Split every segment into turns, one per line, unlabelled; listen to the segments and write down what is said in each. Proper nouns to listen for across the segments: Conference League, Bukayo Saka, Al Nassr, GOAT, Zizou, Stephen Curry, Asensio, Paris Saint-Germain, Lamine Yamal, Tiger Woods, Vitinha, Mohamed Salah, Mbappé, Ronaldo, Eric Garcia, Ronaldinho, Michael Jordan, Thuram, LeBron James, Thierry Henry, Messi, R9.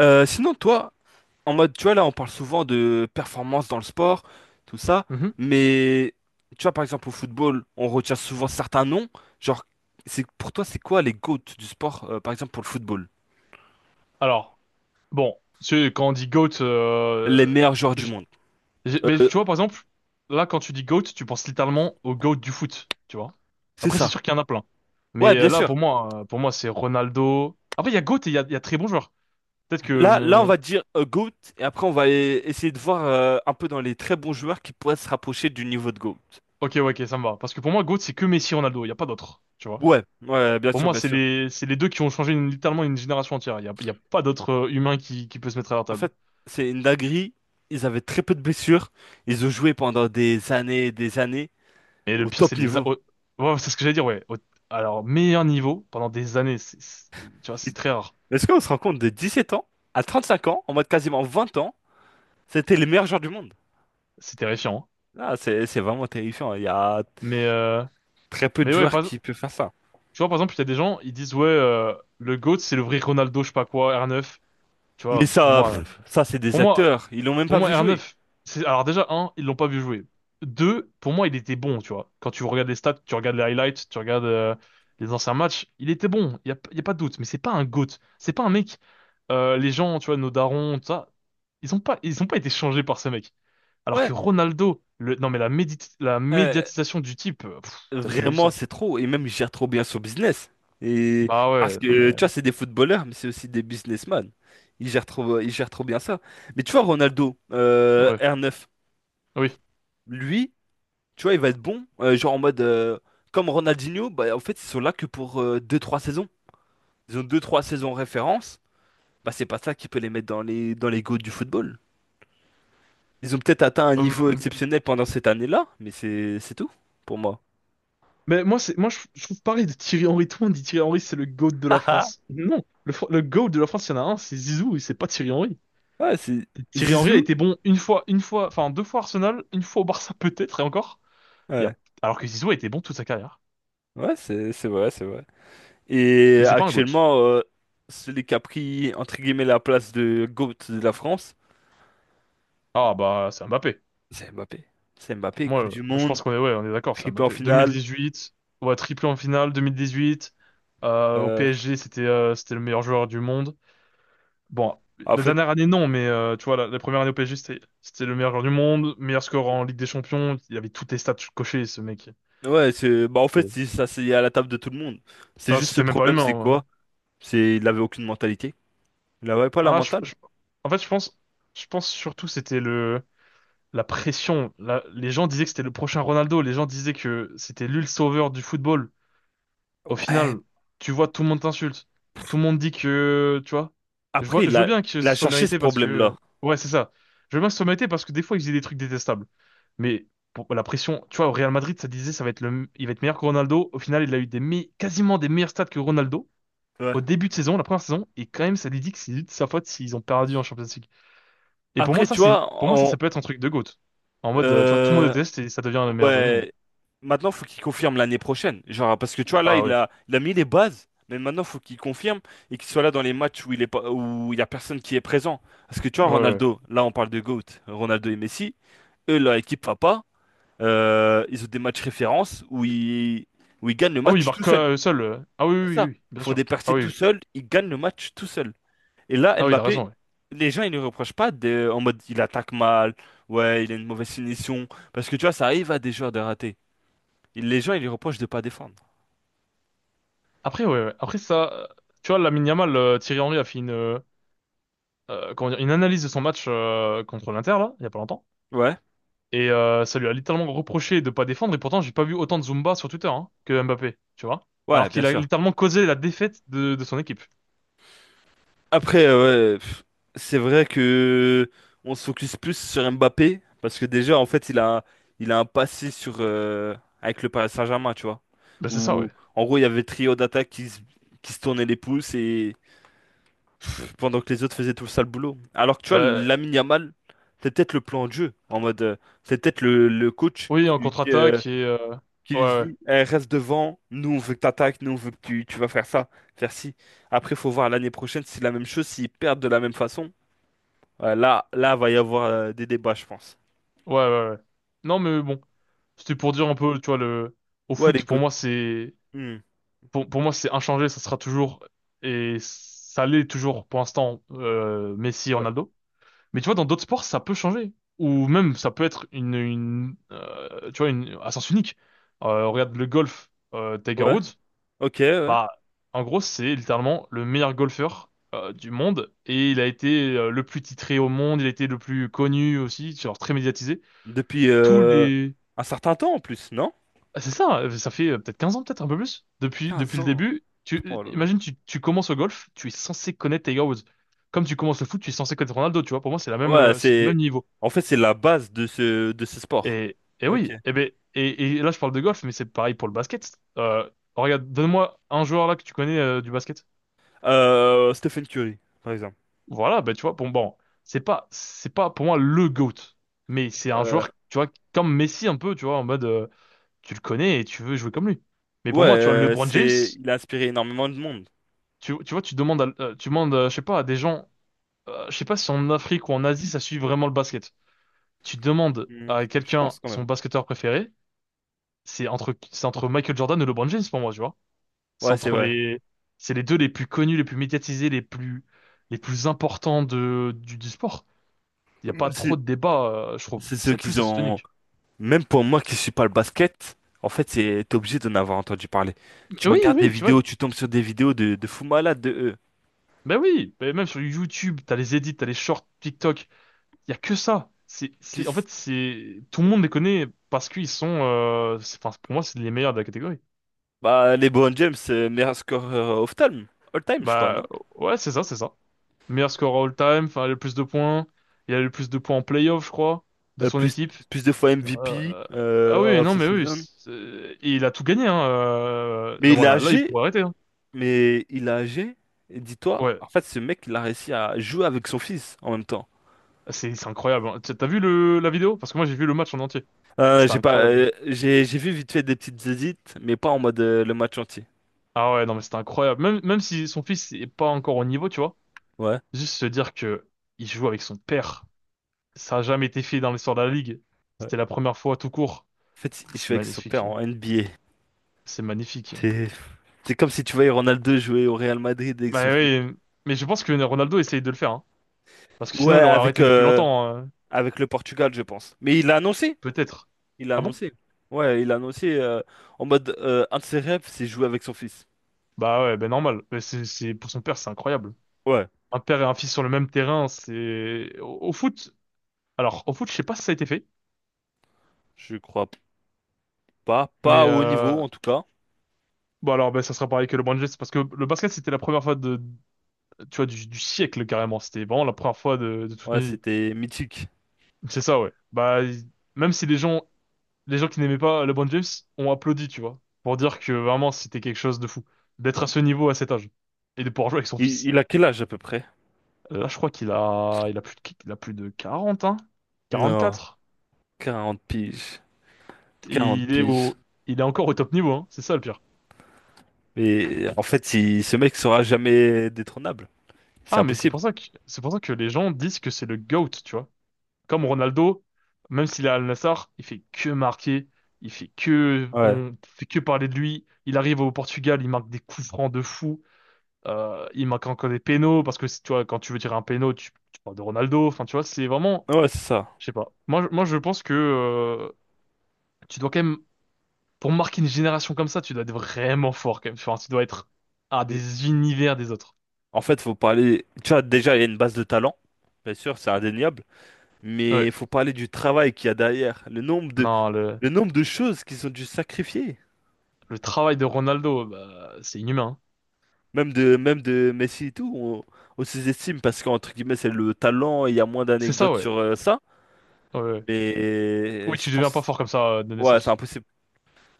Sinon, toi, en mode, tu vois, là, on parle souvent de performance dans le sport, tout ça,
Mhm.
mais tu vois, par exemple, au football, on retient souvent certains noms. Genre, c'est pour toi, c'est quoi les GOAT du sport, par exemple, pour le football?
Alors, bon, quand on dit GOAT,
Les meilleurs joueurs du
j-
monde.
mais tu
Euh,
vois, par exemple, là, quand tu dis GOAT, tu penses littéralement au GOAT du foot, tu vois.
c'est
Après, c'est
ça.
sûr qu'il y en a plein.
Ouais,
Mais
bien
là,
sûr.
pour moi, c'est Ronaldo. Après, il y a GOAT et il y a très bons joueurs. Peut-être que
Là, on
mon...
va dire GOAT, et après, on va essayer de voir un peu dans les très bons joueurs qui pourraient se rapprocher du niveau de GOAT.
Ok, ouais, ok, ça me va. Parce que pour moi, GOAT, c'est que Messi Ronaldo, il n'y a pas d'autres, tu vois.
Ouais, ouais, bien
Pour
sûr,
moi,
bien sûr.
c'est les deux qui ont changé littéralement une génération entière. Il y a pas d'autres humain qui peut se mettre à leur
En
table.
fait, c'est une dinguerie. Ils avaient très peu de blessures. Ils ont joué pendant des années et des années
Mais le
au
pire, c'est
top
les... a-
niveau.
au- ouais, c'est ce que j'allais dire, ouais. Alors, meilleur niveau pendant des années, tu vois, c'est très rare.
Est-ce qu'on se rend compte de 17 ans à 35 ans, en mode quasiment 20 ans, c'était les meilleurs joueurs du monde?
C'est terrifiant, hein.
Ah, c'est vraiment terrifiant. Il y a
Mais, euh...
très peu de
mais ouais,
joueurs qui peuvent faire ça.
tu vois, par exemple, il y a des gens, ils disent, ouais, le GOAT, c'est le vrai Ronaldo, je sais pas quoi, R9. Tu
Mais
vois,
ça, pff, ça c'est des
pour moi,
acteurs. Ils l'ont même
pour
pas vu
moi,
jouer.
R9, c'est... Alors déjà, un, ils l'ont pas vu jouer. Deux, pour moi, il était bon, tu vois. Quand tu regardes les stats, tu regardes les highlights, tu regardes les anciens matchs, il était bon, y a pas de doute. Mais c'est pas un GOAT, c'est pas un mec... les gens, tu vois, nos darons, tout ça, ils ont pas été changés par ce mec. Alors
Ouais.
que Ronaldo, le... non mais la
euh,
médiatisation du type, t'as jamais vu
Vraiment,
ça.
c'est trop. Et même, il gère trop bien son business. Et
Bah
parce
ouais, non
que, tu vois,
mais...
c'est des footballeurs, mais c'est aussi des businessmen. Il gère trop bien ça. Mais tu vois, Ronaldo,
Ouais,
R9,
oui.
lui, tu vois, il va être bon. Genre en mode, comme Ronaldinho, bah, en fait, ils sont là que pour deux trois saisons. Ils ont deux trois saisons en référence. Bah, c'est pas ça qui peut les mettre dans les goûts du football. Ils ont peut-être atteint un niveau exceptionnel pendant cette année-là, mais c'est tout pour moi.
Mais moi, je trouve pareil de Thierry Henry. Tout le monde dit Thierry Henry, c'est le GOAT de la France. Non, le GOAT de la France, il y en a un, c'est Zizou, et c'est pas Thierry Henry.
Ouais, c'est
Thierry Henry a
Zizou.
été bon une fois, enfin deux fois Arsenal, une fois au Barça peut-être, et encore. Il y a,
Ouais.
alors que Zizou a été bon toute sa carrière.
Ouais, c'est vrai, c'est vrai. Et
Mais c'est pas un GOAT.
actuellement, celui qui a pris, entre guillemets, la place de GOAT de la France,
Ah bah, c'est Mbappé.
c'est Mbappé. C'est Mbappé,
Moi,
Coupe du
je
Monde,
pense qu'on est, ouais, on est d'accord, c'est
triplé en
Mbappé.
finale.
2018, ouais, triplé en finale, 2018, au
Euh,
PSG, c'était le meilleur joueur du monde. Bon,
En
la
fait,
dernière année, non, mais tu vois, la première année au PSG, c'était le meilleur joueur du monde, meilleur score en Ligue des Champions. Il avait toutes les stats cochées, ce mec.
ouais, c'est, bah, en fait,
Et-
ça, c'est à la table de tout le monde. C'est
Non,
juste ce
c'était même pas
problème,
humain,
c'est
en vrai.
quoi? C'est, il avait aucune mentalité. Il avait pas la
Ah, je-
mentale.
je- En fait, je pense surtout c'était le la pression. Les gens disaient que c'était le prochain Ronaldo. Les gens disaient que c'était lui le sauveur du football. Au
Ouais.
final, tu vois, tout le monde t'insulte. Tout le monde dit que, tu vois,
Après,
je
il
veux
a,
bien que
il a
ce soit
cherché ce
mérité parce que,
problème-là.
ouais, c'est ça. Je veux bien que ce soit mérité parce que des fois, ils faisaient des trucs détestables. Mais pour la pression, tu vois, au Real Madrid, ça disait, ça va être le, il va être meilleur que Ronaldo. Au final, il a eu des me- quasiment des meilleurs stats que Ronaldo
Ouais.
au début de saison, la première saison, et quand même, ça lui dit que c'est de sa faute s'ils ont perdu en Champions League. Et pour moi,
Après,
ça,
tu vois, on,
ça peut être un truc de GOAT. En mode, tu vois, tout le monde
euh,
déteste et ça devient le meilleur joueur du monde.
Ouais. Maintenant, faut qu'il confirme l'année prochaine. Genre, parce que tu vois, là,
Ah
il
ouais.
a, il a mis les bases, mais maintenant, faut qu'il confirme et qu'il soit là dans les matchs où il est pas, où il y a personne qui est présent. Parce que tu vois,
Ouais, ouais.
Ronaldo, là, on parle de GOAT, Ronaldo et Messi, eux, leur équipe va pas. Ils ont des matchs références où ils gagnent le
Ah oui, il
match tout
marque
seul.
seul. Ah oui,
C'est
oui, oui,
ça.
oui,
Ils
bien
font des
sûr. Ah
percées
oui,
tout
oui.
seuls, ils gagnent le match tout seul. Et là,
Ah oui, t'as
Mbappé,
raison, ouais.
les gens, ils ne reprochent pas de, en mode, il attaque mal, ouais, il a une mauvaise finition. Parce que tu vois, ça arrive à des joueurs de rater. Les gens, ils lui reprochent de pas défendre.
Après, ouais, ouais. Après ça, tu vois, Lamine Yamal, Thierry Henry a fait comment dire, une analyse de son match contre l'Inter là, il y a pas longtemps,
Ouais,
et ça lui a littéralement reproché de pas défendre. Et pourtant, j'ai pas vu autant de Zumba sur Twitter, hein, que Mbappé, tu vois. Alors
ouais, bien
qu'il a
sûr.
littéralement causé la défaite de son équipe.
Après, ouais, pff, c'est vrai que on se focus plus sur Mbappé parce que déjà, en fait, il a un passé sur avec le Paris Saint-Germain, tu vois.
Bah c'est ça,
Où,
ouais.
en gros, il y avait le trio d'attaque qui se tournait les pouces et pff, pendant que les autres faisaient tout le sale boulot. Alors que tu vois,
Bah
Lamine Yamal, c'est peut-être le plan de jeu en mode, c'est peut-être le coach
oui,
qui
en
lui dit. euh,
contre-attaque et
qui
ouais,
lui
ouais,
dit, Eh, reste devant, nous on veut que t'attaques, nous on veut que tu vas faire ça, faire ci. Après, faut voir l'année prochaine si c'est la même chose, s'ils perdent de la même façon. Ouais, là, va y avoir des débats, je pense.
ouais, ouais, ouais. Non, mais bon, c'était pour dire un peu, tu vois, le au
Ouais,
foot pour moi c'est
Hmm.
pour moi, c'est inchangé, et ça l'est toujours pour l'instant, Messi et
Ouais,
Ronaldo. Mais tu vois, dans d'autres sports, ça peut changer. Ou même, ça peut être une tu vois, une, à sens unique. Regarde le golf, Tiger
ouais,
Woods,
ok, ouais.
bah, en gros, c'est littéralement le meilleur golfeur du monde, et il a été le plus titré au monde, il a été le plus connu aussi, genre très médiatisé.
Depuis
Tous les,
un certain temps en plus, non?
Ah, c'est ça, ça fait peut-être 15 ans, peut-être un peu plus.
quinze
Depuis le
ans.
début,
Oh là là.
imagine, tu commences au golf, tu es censé connaître Tiger Woods. Comme tu commences le foot, tu es censé connaître Ronaldo, tu vois. Pour moi, c'est la
Ah,
même,
ouais,
c'est du
c'est.
même niveau.
En fait, c'est la base de ce sport. Ok.
Et là, je parle de golf, mais c'est pareil pour le basket. Regarde, donne-moi un joueur là que tu connais du basket.
Stephen Curry, par exemple.
Voilà, ben, tu vois, bon, c'est pas pour moi le GOAT, mais c'est un
Euh,
joueur, tu vois, comme Messi un peu, tu vois, en mode, tu le connais et tu veux jouer comme lui. Mais pour
ouais,
moi, tu vois, LeBron James.
c'est. Il a inspiré énormément de monde.
Tu vois, tu demandes, je sais pas, à des gens, je sais pas si en Afrique ou en Asie, ça suit vraiment le basket. Tu demandes
Hmm,
à
Je
quelqu'un
pense quand
son
même.
basketteur préféré, c'est entre Michael Jordan et LeBron James pour moi, tu vois. C'est
Ouais, c'est
entre
vrai.
les, c'est les deux les plus connus, les plus médiatisés, les plus importants du sport. Il n'y a
Moi
pas
aussi,
trop de débat, je trouve.
c'est ceux
C'est
qui
plus
ont.
asymptotique.
Même pour moi qui suis pas le basket, en fait, c'est t'es obligé d'en avoir entendu parler.
Mais
Tu
oui,
regardes des
oui, tu vois.
vidéos, tu tombes sur des vidéos de fous malades de eux.
Ben oui, ben même sur YouTube, t'as les edits, t'as les shorts TikTok. Il y a que ça. En
Qu'est-ce-
fait, c'est, tout le monde les connaît parce qu'ils sont, enfin, pour moi, c'est les meilleurs de la catégorie.
Bah, LeBron James, meilleur scoreur of time, all time, je crois,
Bah,
non?
ouais, c'est ça, c'est ça. Meilleur score all-time, enfin, le plus de points. Il a le plus de points en playoff, je crois, de
Euh,
son
plus,
équipe.
plus de fois MVP
Euh, ah oui,
of
non,
the
mais oui.
season.
Et il a tout gagné, hein.
Mais
Là,
il est
voilà, là, il
âgé,
pourrait arrêter, hein.
mais il est âgé. Et dis-toi,
Ouais,
en fait, ce mec, il a réussi à jouer avec son fils en même temps.
c'est incroyable, hein. T'as vu la vidéo? Parce que moi, j'ai vu le match en entier. C'était
J'ai pas,
incroyable.
j'ai vu vite fait des petites édits, mais pas en mode le match entier.
Ah ouais, non, mais c'était incroyable. Même, même si son fils est pas encore au niveau, tu vois.
Ouais.
Juste se dire que il joue avec son père, ça a jamais été fait dans l'histoire de la Ligue.
Ouais.
C'était la
En
première fois tout court.
fait, il
C'est
joue avec son père
magnifique.
en NBA.
C'est magnifique.
C'est c'est comme si tu voyais Ronaldo jouer au Real Madrid avec son
Bah
fils.
oui, mais je pense que Ronaldo essaye de le faire, hein. Parce que
Ouais,
sinon il aurait
avec,
arrêté depuis
euh,
longtemps,
avec le Portugal, je pense. Mais il l'a annoncé.
peut-être.
Il l'a
Ah bon?
annoncé. Ouais, il l'a annoncé en mode un de ses rêves, c'est jouer avec son fils.
Bah ouais, ben normal. Mais pour son père, c'est incroyable.
Ouais,
Un père et un fils sur le même terrain, c'est... Au, au foot, alors au foot, je sais pas si ça a été fait,
je crois pas.
mais...
Pas au haut niveau, en tout cas.
bon alors, ben, ça sera pareil que le basket, parce que le basket, c'était la première fois tu vois, du siècle carrément. C'était vraiment la première fois de toute
Ouais,
une vie.
c'était mythique.
C'est ça, ouais. Même si les gens, les gens qui n'aimaient pas LeBron James ont applaudi, tu vois, pour dire que vraiment c'était quelque chose de fou d'être à
Ouais.
ce niveau à cet âge et de pouvoir jouer avec son
Il,
fils.
il a quel âge à peu près?
Là, je crois il a plus de, il a plus de 40, hein,
Non,
quatre.
40 piges.
Et
quarante
il est
piges.
il est encore au top niveau, hein. C'est ça le pire.
Mais en fait, ce mec sera jamais détrônable. C'est
Ah, mais
impossible.
c'est pour ça que les gens disent que c'est le GOAT, tu vois. Comme Ronaldo, même s'il est à Al Nassr, il fait que marquer,
Ouais.
on fait que parler de lui. Il arrive au Portugal, il marque des coups francs de fou. Il marque encore des pénaux parce que si, tu vois, quand tu veux tirer un pénau, tu parles de Ronaldo. Enfin, tu vois, c'est vraiment,
Ouais, ouais, c'est ça.
je sais pas. Moi, je pense que tu dois quand même, pour marquer une génération comme ça, tu dois être vraiment fort quand même. Enfin, tu dois être à
Mais
des univers des autres.
en fait, faut parler. Tu vois, déjà, il y a une base de talent, bien sûr, c'est indéniable, mais
Ouais.
il faut parler du travail qu'il y a derrière, le nombre de,
Non,
le nombre de choses qu'ils ont dû sacrifier,
le travail de Ronaldo, bah, c'est inhumain, hein.
même de Messi et tout, on sous-estime parce qu'entre guillemets, c'est le talent et il y a moins
C'est ça,
d'anecdotes
ouais.
sur ça,
Ouais, ouais.
mais
Oui,
je
tu deviens pas
pense,
fort comme ça de
ouais, c'est
naissance.
impossible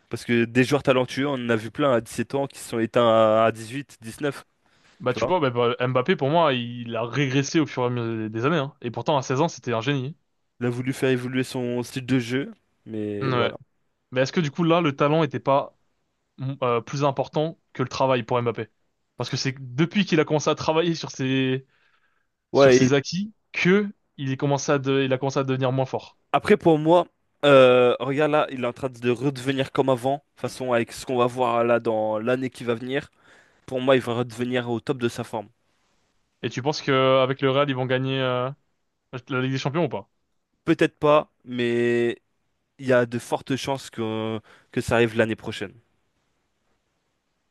parce que des joueurs talentueux, on en a vu plein à 17 ans qui se sont éteints à 18, 19,
Bah,
tu
tu
vois.
vois, bah, Mbappé, pour moi, il a régressé au fur et à mesure des années, hein. Et pourtant, à 16 ans, c'était un génie,
Il a voulu faire évoluer son style de jeu, mais
hein. Ouais.
voilà.
Mais est-ce que du coup, là, le talent était pas Mhm. Plus important que le travail pour Mbappé. Parce que c'est depuis qu'il a commencé à travailler sur
Ouais,
ses acquis que il a commencé à devenir moins fort.
après, pour moi, regarde là, il est en train de redevenir comme avant. De toute façon, avec ce qu'on va voir là dans l'année qui va venir, pour moi, il va redevenir au top de sa forme.
Et tu penses que avec le Real, ils vont gagner la Ligue des Champions ou pas?
Peut-être pas, mais il y a de fortes chances que ça arrive l'année prochaine.